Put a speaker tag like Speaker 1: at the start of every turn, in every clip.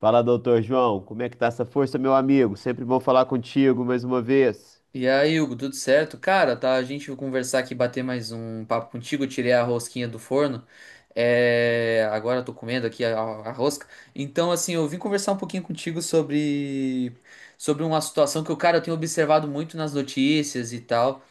Speaker 1: Fala, doutor João, como é que tá essa força, meu amigo? Sempre bom falar contigo mais uma vez.
Speaker 2: E aí, Hugo, tudo certo? Cara, tá, a gente vai conversar aqui, bater mais um papo contigo. Eu tirei a rosquinha do forno. É, agora eu tô comendo aqui a rosca. Eu vim conversar um pouquinho contigo sobre uma situação que, eu, cara, eu tenho observado muito nas notícias e tal,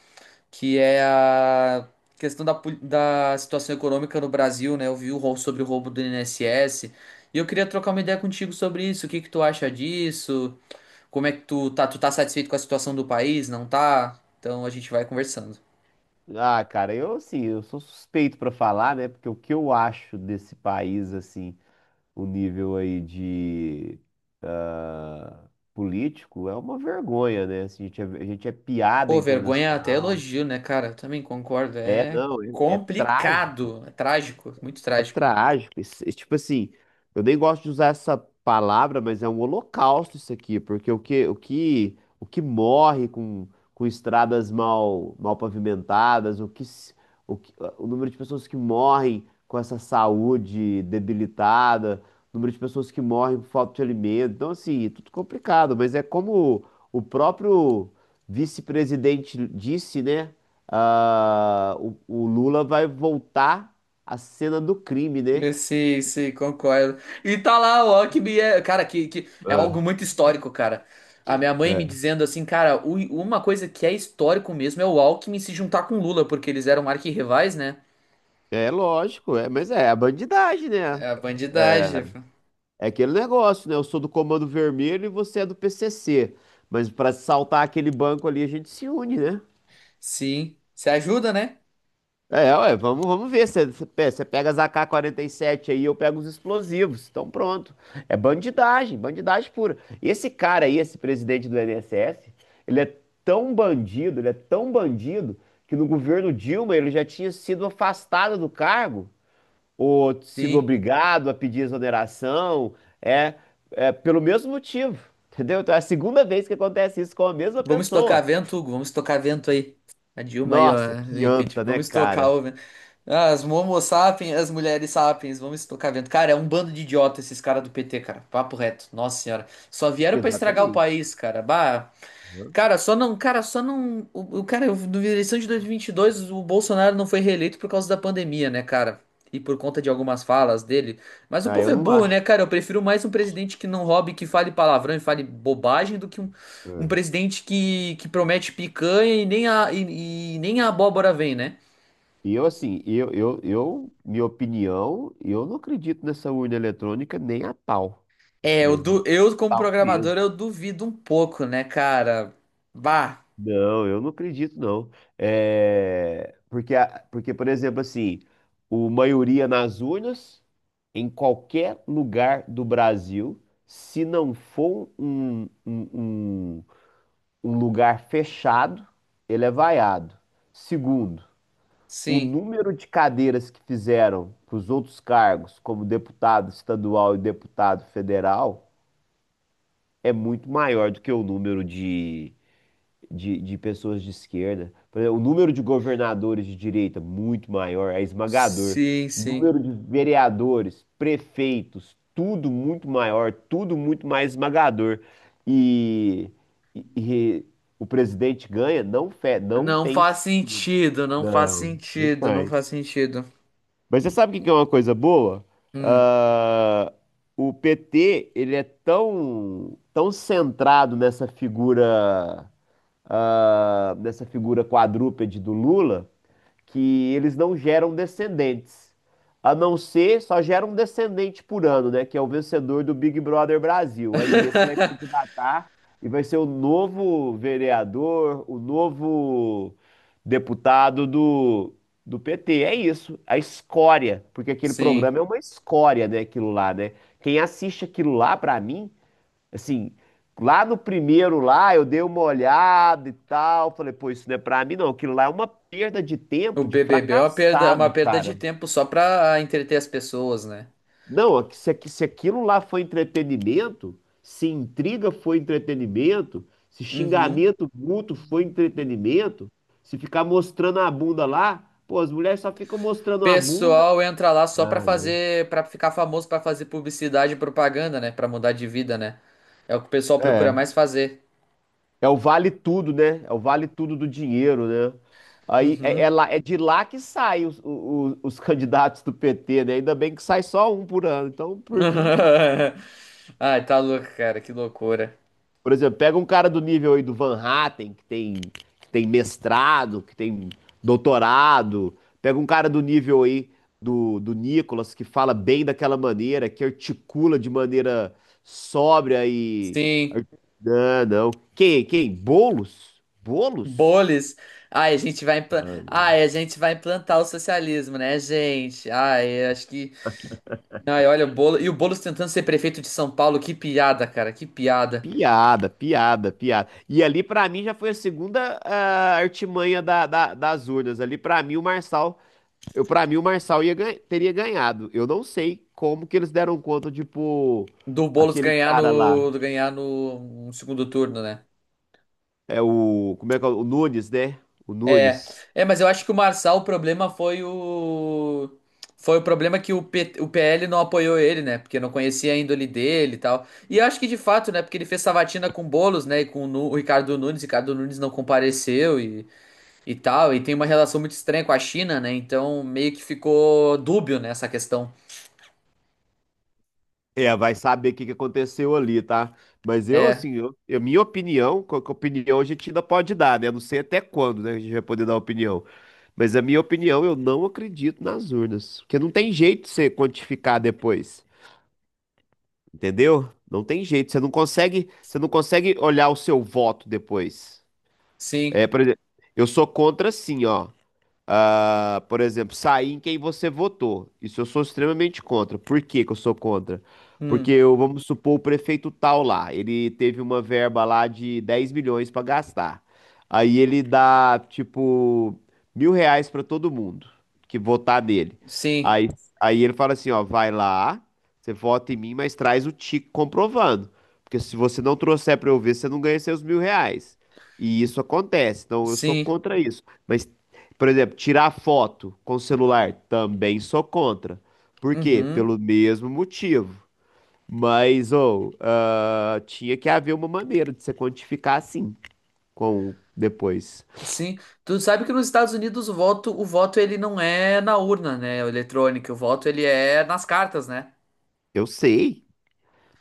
Speaker 2: que é a questão da, da situação econômica no Brasil, né? Eu vi o sobre o roubo do INSS. E eu queria trocar uma ideia contigo sobre isso. O que que tu acha disso? Como é que tu tá? Tu tá satisfeito com a situação do país? Não tá? Então a gente vai conversando.
Speaker 1: Cara, eu assim, eu sou suspeito pra falar, né? Porque o que eu acho desse país, assim, o nível aí de ah, político é uma vergonha, né? Assim, a gente é piada
Speaker 2: Pô, vergonha é até
Speaker 1: internacional.
Speaker 2: elogio, né, cara? Eu também concordo.
Speaker 1: É,
Speaker 2: É
Speaker 1: não, é, é trágico.
Speaker 2: complicado. É trágico. Muito
Speaker 1: É
Speaker 2: trágico.
Speaker 1: trágico. Isso, tipo assim, eu nem gosto de usar essa palavra, mas é um holocausto isso aqui, porque o que morre com estradas mal pavimentadas, o que, se- o que, ah, o número de pessoas que morrem com essa saúde debilitada, o número de pessoas que morrem por falta de alimento. Então, assim, é tudo complicado, mas é como o próprio vice-presidente disse, né? Ah, o Lula vai voltar a cena do crime, né?
Speaker 2: Eu, sim, sim, concordo. E tá lá o Alckmin, é, cara, que é
Speaker 1: Ah,
Speaker 2: algo muito histórico, cara. A minha mãe me
Speaker 1: é.
Speaker 2: dizendo assim, cara, uma coisa que é histórico mesmo é o Alckmin se juntar com o Lula, porque eles eram arquirrivais, né?
Speaker 1: É lógico, é, mas é a bandidagem,
Speaker 2: É
Speaker 1: né?
Speaker 2: a bandidagem.
Speaker 1: É, é aquele negócio, né? Eu sou do Comando Vermelho e você é do PCC. Mas pra saltar aquele banco ali, a gente se une, né?
Speaker 2: Sim, se ajuda, né?
Speaker 1: É, ué, vamos ver. Você pega as ak sete aí, eu pego os explosivos. Então pronto. É bandidagem, bandidagem pura. E esse cara aí, esse presidente do INSS, ele é tão bandido, ele é tão bandido, que no governo Dilma ele já tinha sido afastado do cargo ou sido
Speaker 2: Sim.
Speaker 1: obrigado a pedir exoneração, é, é pelo mesmo motivo, entendeu? Então é a segunda vez que acontece isso com a mesma
Speaker 2: Vamos
Speaker 1: pessoa.
Speaker 2: estocar vento, Hugo. Vamos estocar vento aí. A Dilma aí, ó.
Speaker 1: Nossa, que
Speaker 2: E Pete,
Speaker 1: anta, né,
Speaker 2: vamos estocar
Speaker 1: cara?
Speaker 2: o vento. Ah, as Momo sapiens, as mulheres sapiens. Vamos estocar vento. Cara, é um bando de idiota esses caras do PT, cara. Papo reto. Nossa senhora. Só vieram pra estragar o
Speaker 1: Exatamente.
Speaker 2: país, cara. Bah.
Speaker 1: Uhum.
Speaker 2: Cara, só não, o cara, eu- na eleição de 2022, o Bolsonaro não foi reeleito por causa da pandemia, né, cara? E por conta de algumas falas dele. Mas o
Speaker 1: Ah,
Speaker 2: povo
Speaker 1: eu
Speaker 2: é
Speaker 1: não
Speaker 2: burro,
Speaker 1: acho.
Speaker 2: né, cara? Eu prefiro mais um presidente que não roube, que fale palavrão e fale bobagem, do que um
Speaker 1: É.
Speaker 2: presidente que promete picanha e nem a, e nem a abóbora vem, né?
Speaker 1: E eu, assim, minha opinião, eu não acredito nessa urna eletrônica nem a pau.
Speaker 2: É,
Speaker 1: Assim,
Speaker 2: eu,
Speaker 1: mas nem a
Speaker 2: eu como
Speaker 1: pau
Speaker 2: programador,
Speaker 1: mesmo.
Speaker 2: eu duvido um pouco, né, cara? Bah,
Speaker 1: Não, eu não acredito, não. É, porque, porque, por exemplo, assim, o maioria nas urnas, em qualquer lugar do Brasil, se não for um lugar fechado, ele é vaiado. Segundo, o
Speaker 2: sim,
Speaker 1: número de cadeiras que fizeram para os outros cargos, como deputado estadual e deputado federal, é muito maior do que o número de pessoas de esquerda. Por exemplo, o número de governadores de direita muito maior, é esmagador.
Speaker 2: sim, sim.
Speaker 1: Número de vereadores, prefeitos, tudo muito maior, tudo muito mais esmagador. E, e o presidente ganha? Não, não
Speaker 2: Não
Speaker 1: tem
Speaker 2: faz
Speaker 1: sentido.
Speaker 2: sentido, não faz
Speaker 1: Não, não
Speaker 2: sentido, não faz
Speaker 1: faz.
Speaker 2: sentido.
Speaker 1: Mas você sabe o que que é uma coisa boa?
Speaker 2: Hum.
Speaker 1: Ah, o PT, ele é tão, tão centrado nessa figura dessa figura quadrúpede do Lula, que eles não geram descendentes. A não ser, só gera um descendente por ano, né? Que é o vencedor do Big Brother Brasil. Aí esse vai candidatar e vai ser o novo vereador, o novo deputado do PT. É isso, a escória, porque aquele
Speaker 2: Sim.
Speaker 1: programa é uma escória, né? Aquilo lá, né? Quem assiste aquilo lá, pra mim, assim, lá no primeiro lá, eu dei uma olhada e tal, falei, pô, isso não é pra mim não, aquilo lá é uma perda de
Speaker 2: O
Speaker 1: tempo de
Speaker 2: BBB é uma
Speaker 1: fracassado,
Speaker 2: perda de
Speaker 1: cara.
Speaker 2: tempo só pra entreter as pessoas, né?
Speaker 1: Não, se aquilo lá foi entretenimento, se intriga foi entretenimento, se
Speaker 2: Uhum.
Speaker 1: xingamento mútuo foi entretenimento, se ficar mostrando a bunda lá, pô, as mulheres só ficam mostrando a bunda.
Speaker 2: Pessoal entra lá só pra
Speaker 1: Ah,
Speaker 2: fazer, pra ficar famoso, pra fazer publicidade e propaganda, né? Pra mudar de vida, né? É o que o pessoal procura
Speaker 1: não.
Speaker 2: mais fazer.
Speaker 1: É o vale tudo, né? É o vale tudo do dinheiro, né? É
Speaker 2: Uhum.
Speaker 1: é de lá que saem os candidatos do PT, né? Ainda bem que sai só um por ano. Então, por mim,
Speaker 2: Ai, tá louco, cara, que loucura.
Speaker 1: por exemplo, pega um cara do nível aí do Van Hatten, que tem mestrado, que tem doutorado. Pega um cara do nível aí do Nicolas, que fala bem daquela maneira, que articula de maneira sóbria e.
Speaker 2: Sim.
Speaker 1: Não, não. Quem? Quem? Bolos? Bolos?
Speaker 2: Boles. Ai, a gente vai implan... Ai, a gente vai implantar o socialismo, né, gente? Ai, acho que. Ai, olha o Boulos. E o Boulos tentando ser prefeito de São Paulo, que piada, cara, que piada.
Speaker 1: Piada, piada, piada. E ali, pra mim, já foi a segunda artimanha das urnas. Ali, pra mim, o Marçal, eu, para mim, o Marçal teria ganhado. Eu não sei como que eles deram conta de pôr
Speaker 2: Do Boulos
Speaker 1: aquele
Speaker 2: ganhar
Speaker 1: cara
Speaker 2: no.
Speaker 1: lá.
Speaker 2: Do ganhar no segundo turno, né?
Speaker 1: É o, como é que é? O Nunes, né? O
Speaker 2: É.
Speaker 1: Nunes.
Speaker 2: É, mas eu acho que o Marçal, o problema foi o. Foi o problema que o PL não apoiou ele, né? Porque não conhecia a índole dele e tal. E eu acho que de fato, né? Porque ele fez sabatina com o Boulos, né? E com o o Ricardo Nunes. Ricardo Nunes não compareceu e tal, e tem uma relação muito estranha com a China, né? Então meio que ficou dúbio nessa questão.
Speaker 1: É, vai saber o que que aconteceu ali, tá? Mas eu,
Speaker 2: É,
Speaker 1: assim, minha opinião, que opinião a gente ainda pode dar, né? Não sei até quando, né, a gente vai poder dar opinião. Mas a minha opinião, eu não acredito nas urnas. Porque não tem jeito de você quantificar depois, entendeu? Não tem jeito, você não consegue olhar o seu voto depois. É,
Speaker 2: sim,
Speaker 1: por exemplo, eu sou contra, sim, ó por exemplo, sair em quem você votou. Isso eu sou extremamente contra. Por que que eu sou contra? Porque,
Speaker 2: hum,
Speaker 1: eu, vamos supor, o prefeito tal lá, ele teve uma verba lá de 10 milhões para gastar. Aí ele dá, tipo, 1.000 reais para todo mundo que votar nele.
Speaker 2: sim,
Speaker 1: Aí, aí ele fala assim, ó, vai lá, você vota em mim, mas traz o tique comprovando. Porque se você não trouxer para eu ver, você não ganha seus 1.000 reais. E isso acontece, então eu sou
Speaker 2: sim,
Speaker 1: contra isso. Mas por exemplo, tirar foto com celular, também sou contra. Por quê?
Speaker 2: uhum,
Speaker 1: Pelo mesmo motivo. Mas, ou, ah, tinha que haver uma maneira de você quantificar assim, com depois.
Speaker 2: sim. Tu sabe que nos Estados Unidos o voto ele não é na urna, né? O eletrônico, o voto ele é nas cartas, né?
Speaker 1: Eu sei.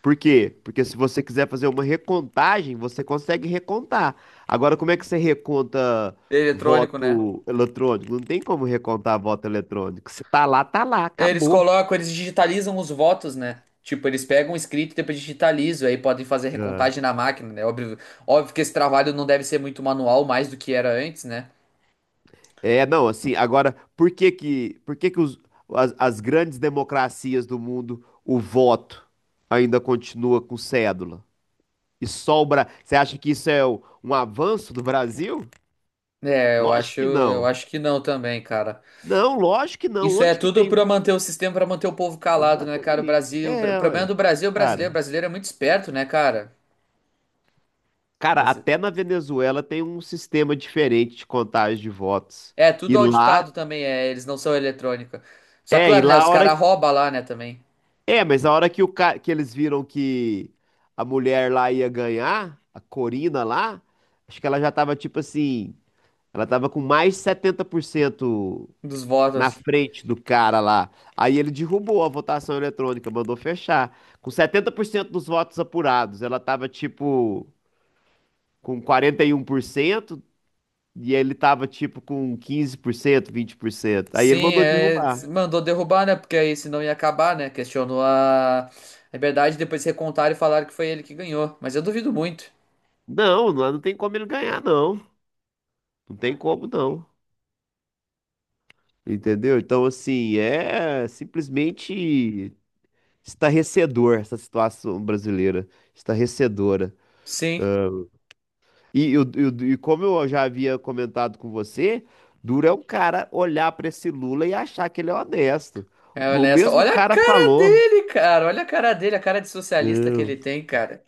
Speaker 1: Por quê? Porque se você quiser fazer uma recontagem, você consegue recontar. Agora, como é que você reconta
Speaker 2: Eletrônico, né?
Speaker 1: voto eletrônico? Não tem como recontar voto eletrônico. Se tá lá, tá lá,
Speaker 2: Eles
Speaker 1: acabou.
Speaker 2: colocam, eles digitalizam os votos, né? Tipo, eles pegam o escrito e depois digitalizam, aí podem fazer
Speaker 1: Ah,
Speaker 2: recontagem na máquina, né? Óbvio, óbvio que esse trabalho não deve ser muito manual, mais do que era antes, né?
Speaker 1: é, não, assim, agora, por que que as grandes democracias do mundo, o voto ainda continua com cédula? E só o Bra... Você acha que isso é um avanço do Brasil?
Speaker 2: É,
Speaker 1: Lógico que
Speaker 2: eu
Speaker 1: não.
Speaker 2: acho que não também, cara.
Speaker 1: Não, lógico que não.
Speaker 2: Isso é
Speaker 1: Onde que
Speaker 2: tudo
Speaker 1: tem...
Speaker 2: pra manter o sistema, pra manter o povo calado, né, cara? O
Speaker 1: Exatamente.
Speaker 2: Brasil, o
Speaker 1: É,
Speaker 2: problema
Speaker 1: ué.
Speaker 2: do Brasil é o brasileiro. O
Speaker 1: Cara,
Speaker 2: brasileiro é muito esperto, né, cara?
Speaker 1: cara,
Speaker 2: Brasi-
Speaker 1: até na Venezuela tem um sistema diferente de contagem de votos.
Speaker 2: É,
Speaker 1: E
Speaker 2: tudo
Speaker 1: lá,
Speaker 2: auditado também, é, eles não são eletrônica. Só
Speaker 1: é, e
Speaker 2: claro, né,
Speaker 1: lá
Speaker 2: os
Speaker 1: a hora
Speaker 2: caras roubam lá, né, também,
Speaker 1: é, mas na hora que, o ca... que eles viram que a mulher lá ia ganhar, a Corina lá, acho que ela já tava tipo assim, ela tava com mais de 70%
Speaker 2: dos
Speaker 1: na
Speaker 2: votos.
Speaker 1: frente do cara lá. Aí ele derrubou a votação eletrônica, mandou fechar. Com 70% dos votos apurados, ela tava tipo com 41% e ele tava tipo com 15%, 20%. Aí
Speaker 2: Sim,
Speaker 1: ele mandou
Speaker 2: é,
Speaker 1: derrubar.
Speaker 2: mandou derrubar, né, porque aí senão ia acabar, né? Questionou a liberdade, depois recontaram e falaram que foi ele que ganhou. Mas eu duvido muito.
Speaker 1: Não, não tem como ele ganhar, não. Não tem como, não. Entendeu? Então, assim, é simplesmente estarrecedor essa situação brasileira, estarrecedora.
Speaker 2: Sim.
Speaker 1: E, e como eu já havia comentado com você, duro é um cara olhar para esse Lula e achar que ele é honesto.
Speaker 2: É
Speaker 1: O
Speaker 2: honesto.
Speaker 1: mesmo
Speaker 2: Olha a
Speaker 1: cara
Speaker 2: cara
Speaker 1: falou.
Speaker 2: dele, cara. Olha a cara dele, a cara de socialista que ele
Speaker 1: Hum,
Speaker 2: tem, cara.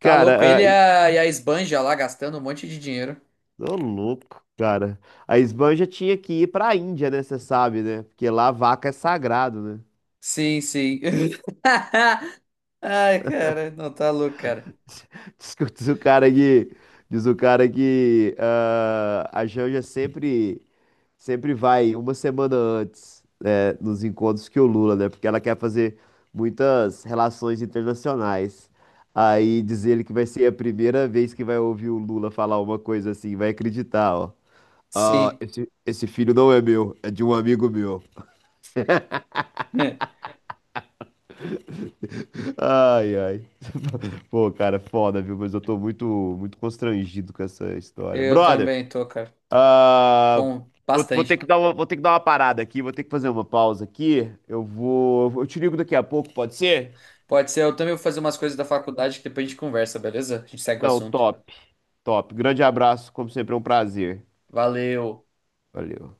Speaker 2: Tá louco.
Speaker 1: ah,
Speaker 2: Ele e a esbanja lá gastando um monte de dinheiro.
Speaker 1: ô louco, cara. A Esbanja tinha que ir para a Índia, né? Você sabe, né? Porque lá a vaca é sagrado, né?
Speaker 2: Sim, sim. Ai, cara. Não, tá louco, cara.
Speaker 1: Diz o cara que, diz o cara que a Janja sempre vai uma semana antes, né, nos encontros que o Lula, né? Porque ela quer fazer muitas relações internacionais. Aí diz ele que vai ser a primeira vez que vai ouvir o Lula falar uma coisa assim, vai acreditar, ó. Ah,
Speaker 2: Sim.
Speaker 1: esse filho não é meu, é de um amigo meu. Ai, ai. Pô, cara, foda, viu? Mas eu tô muito constrangido com essa história.
Speaker 2: Eu
Speaker 1: Brother!
Speaker 2: também tô, cara. Tô
Speaker 1: Ah,
Speaker 2: um, bastante.
Speaker 1: vou ter que dar uma parada aqui, vou ter que fazer uma pausa aqui. Eu vou, eu te ligo daqui a pouco, pode ser?
Speaker 2: Pode ser. Eu também vou fazer umas coisas da faculdade que depois a gente conversa, beleza? A gente segue o
Speaker 1: Não,
Speaker 2: assunto.
Speaker 1: top, top. Grande abraço, como sempre, é um prazer.
Speaker 2: Valeu.
Speaker 1: Valeu.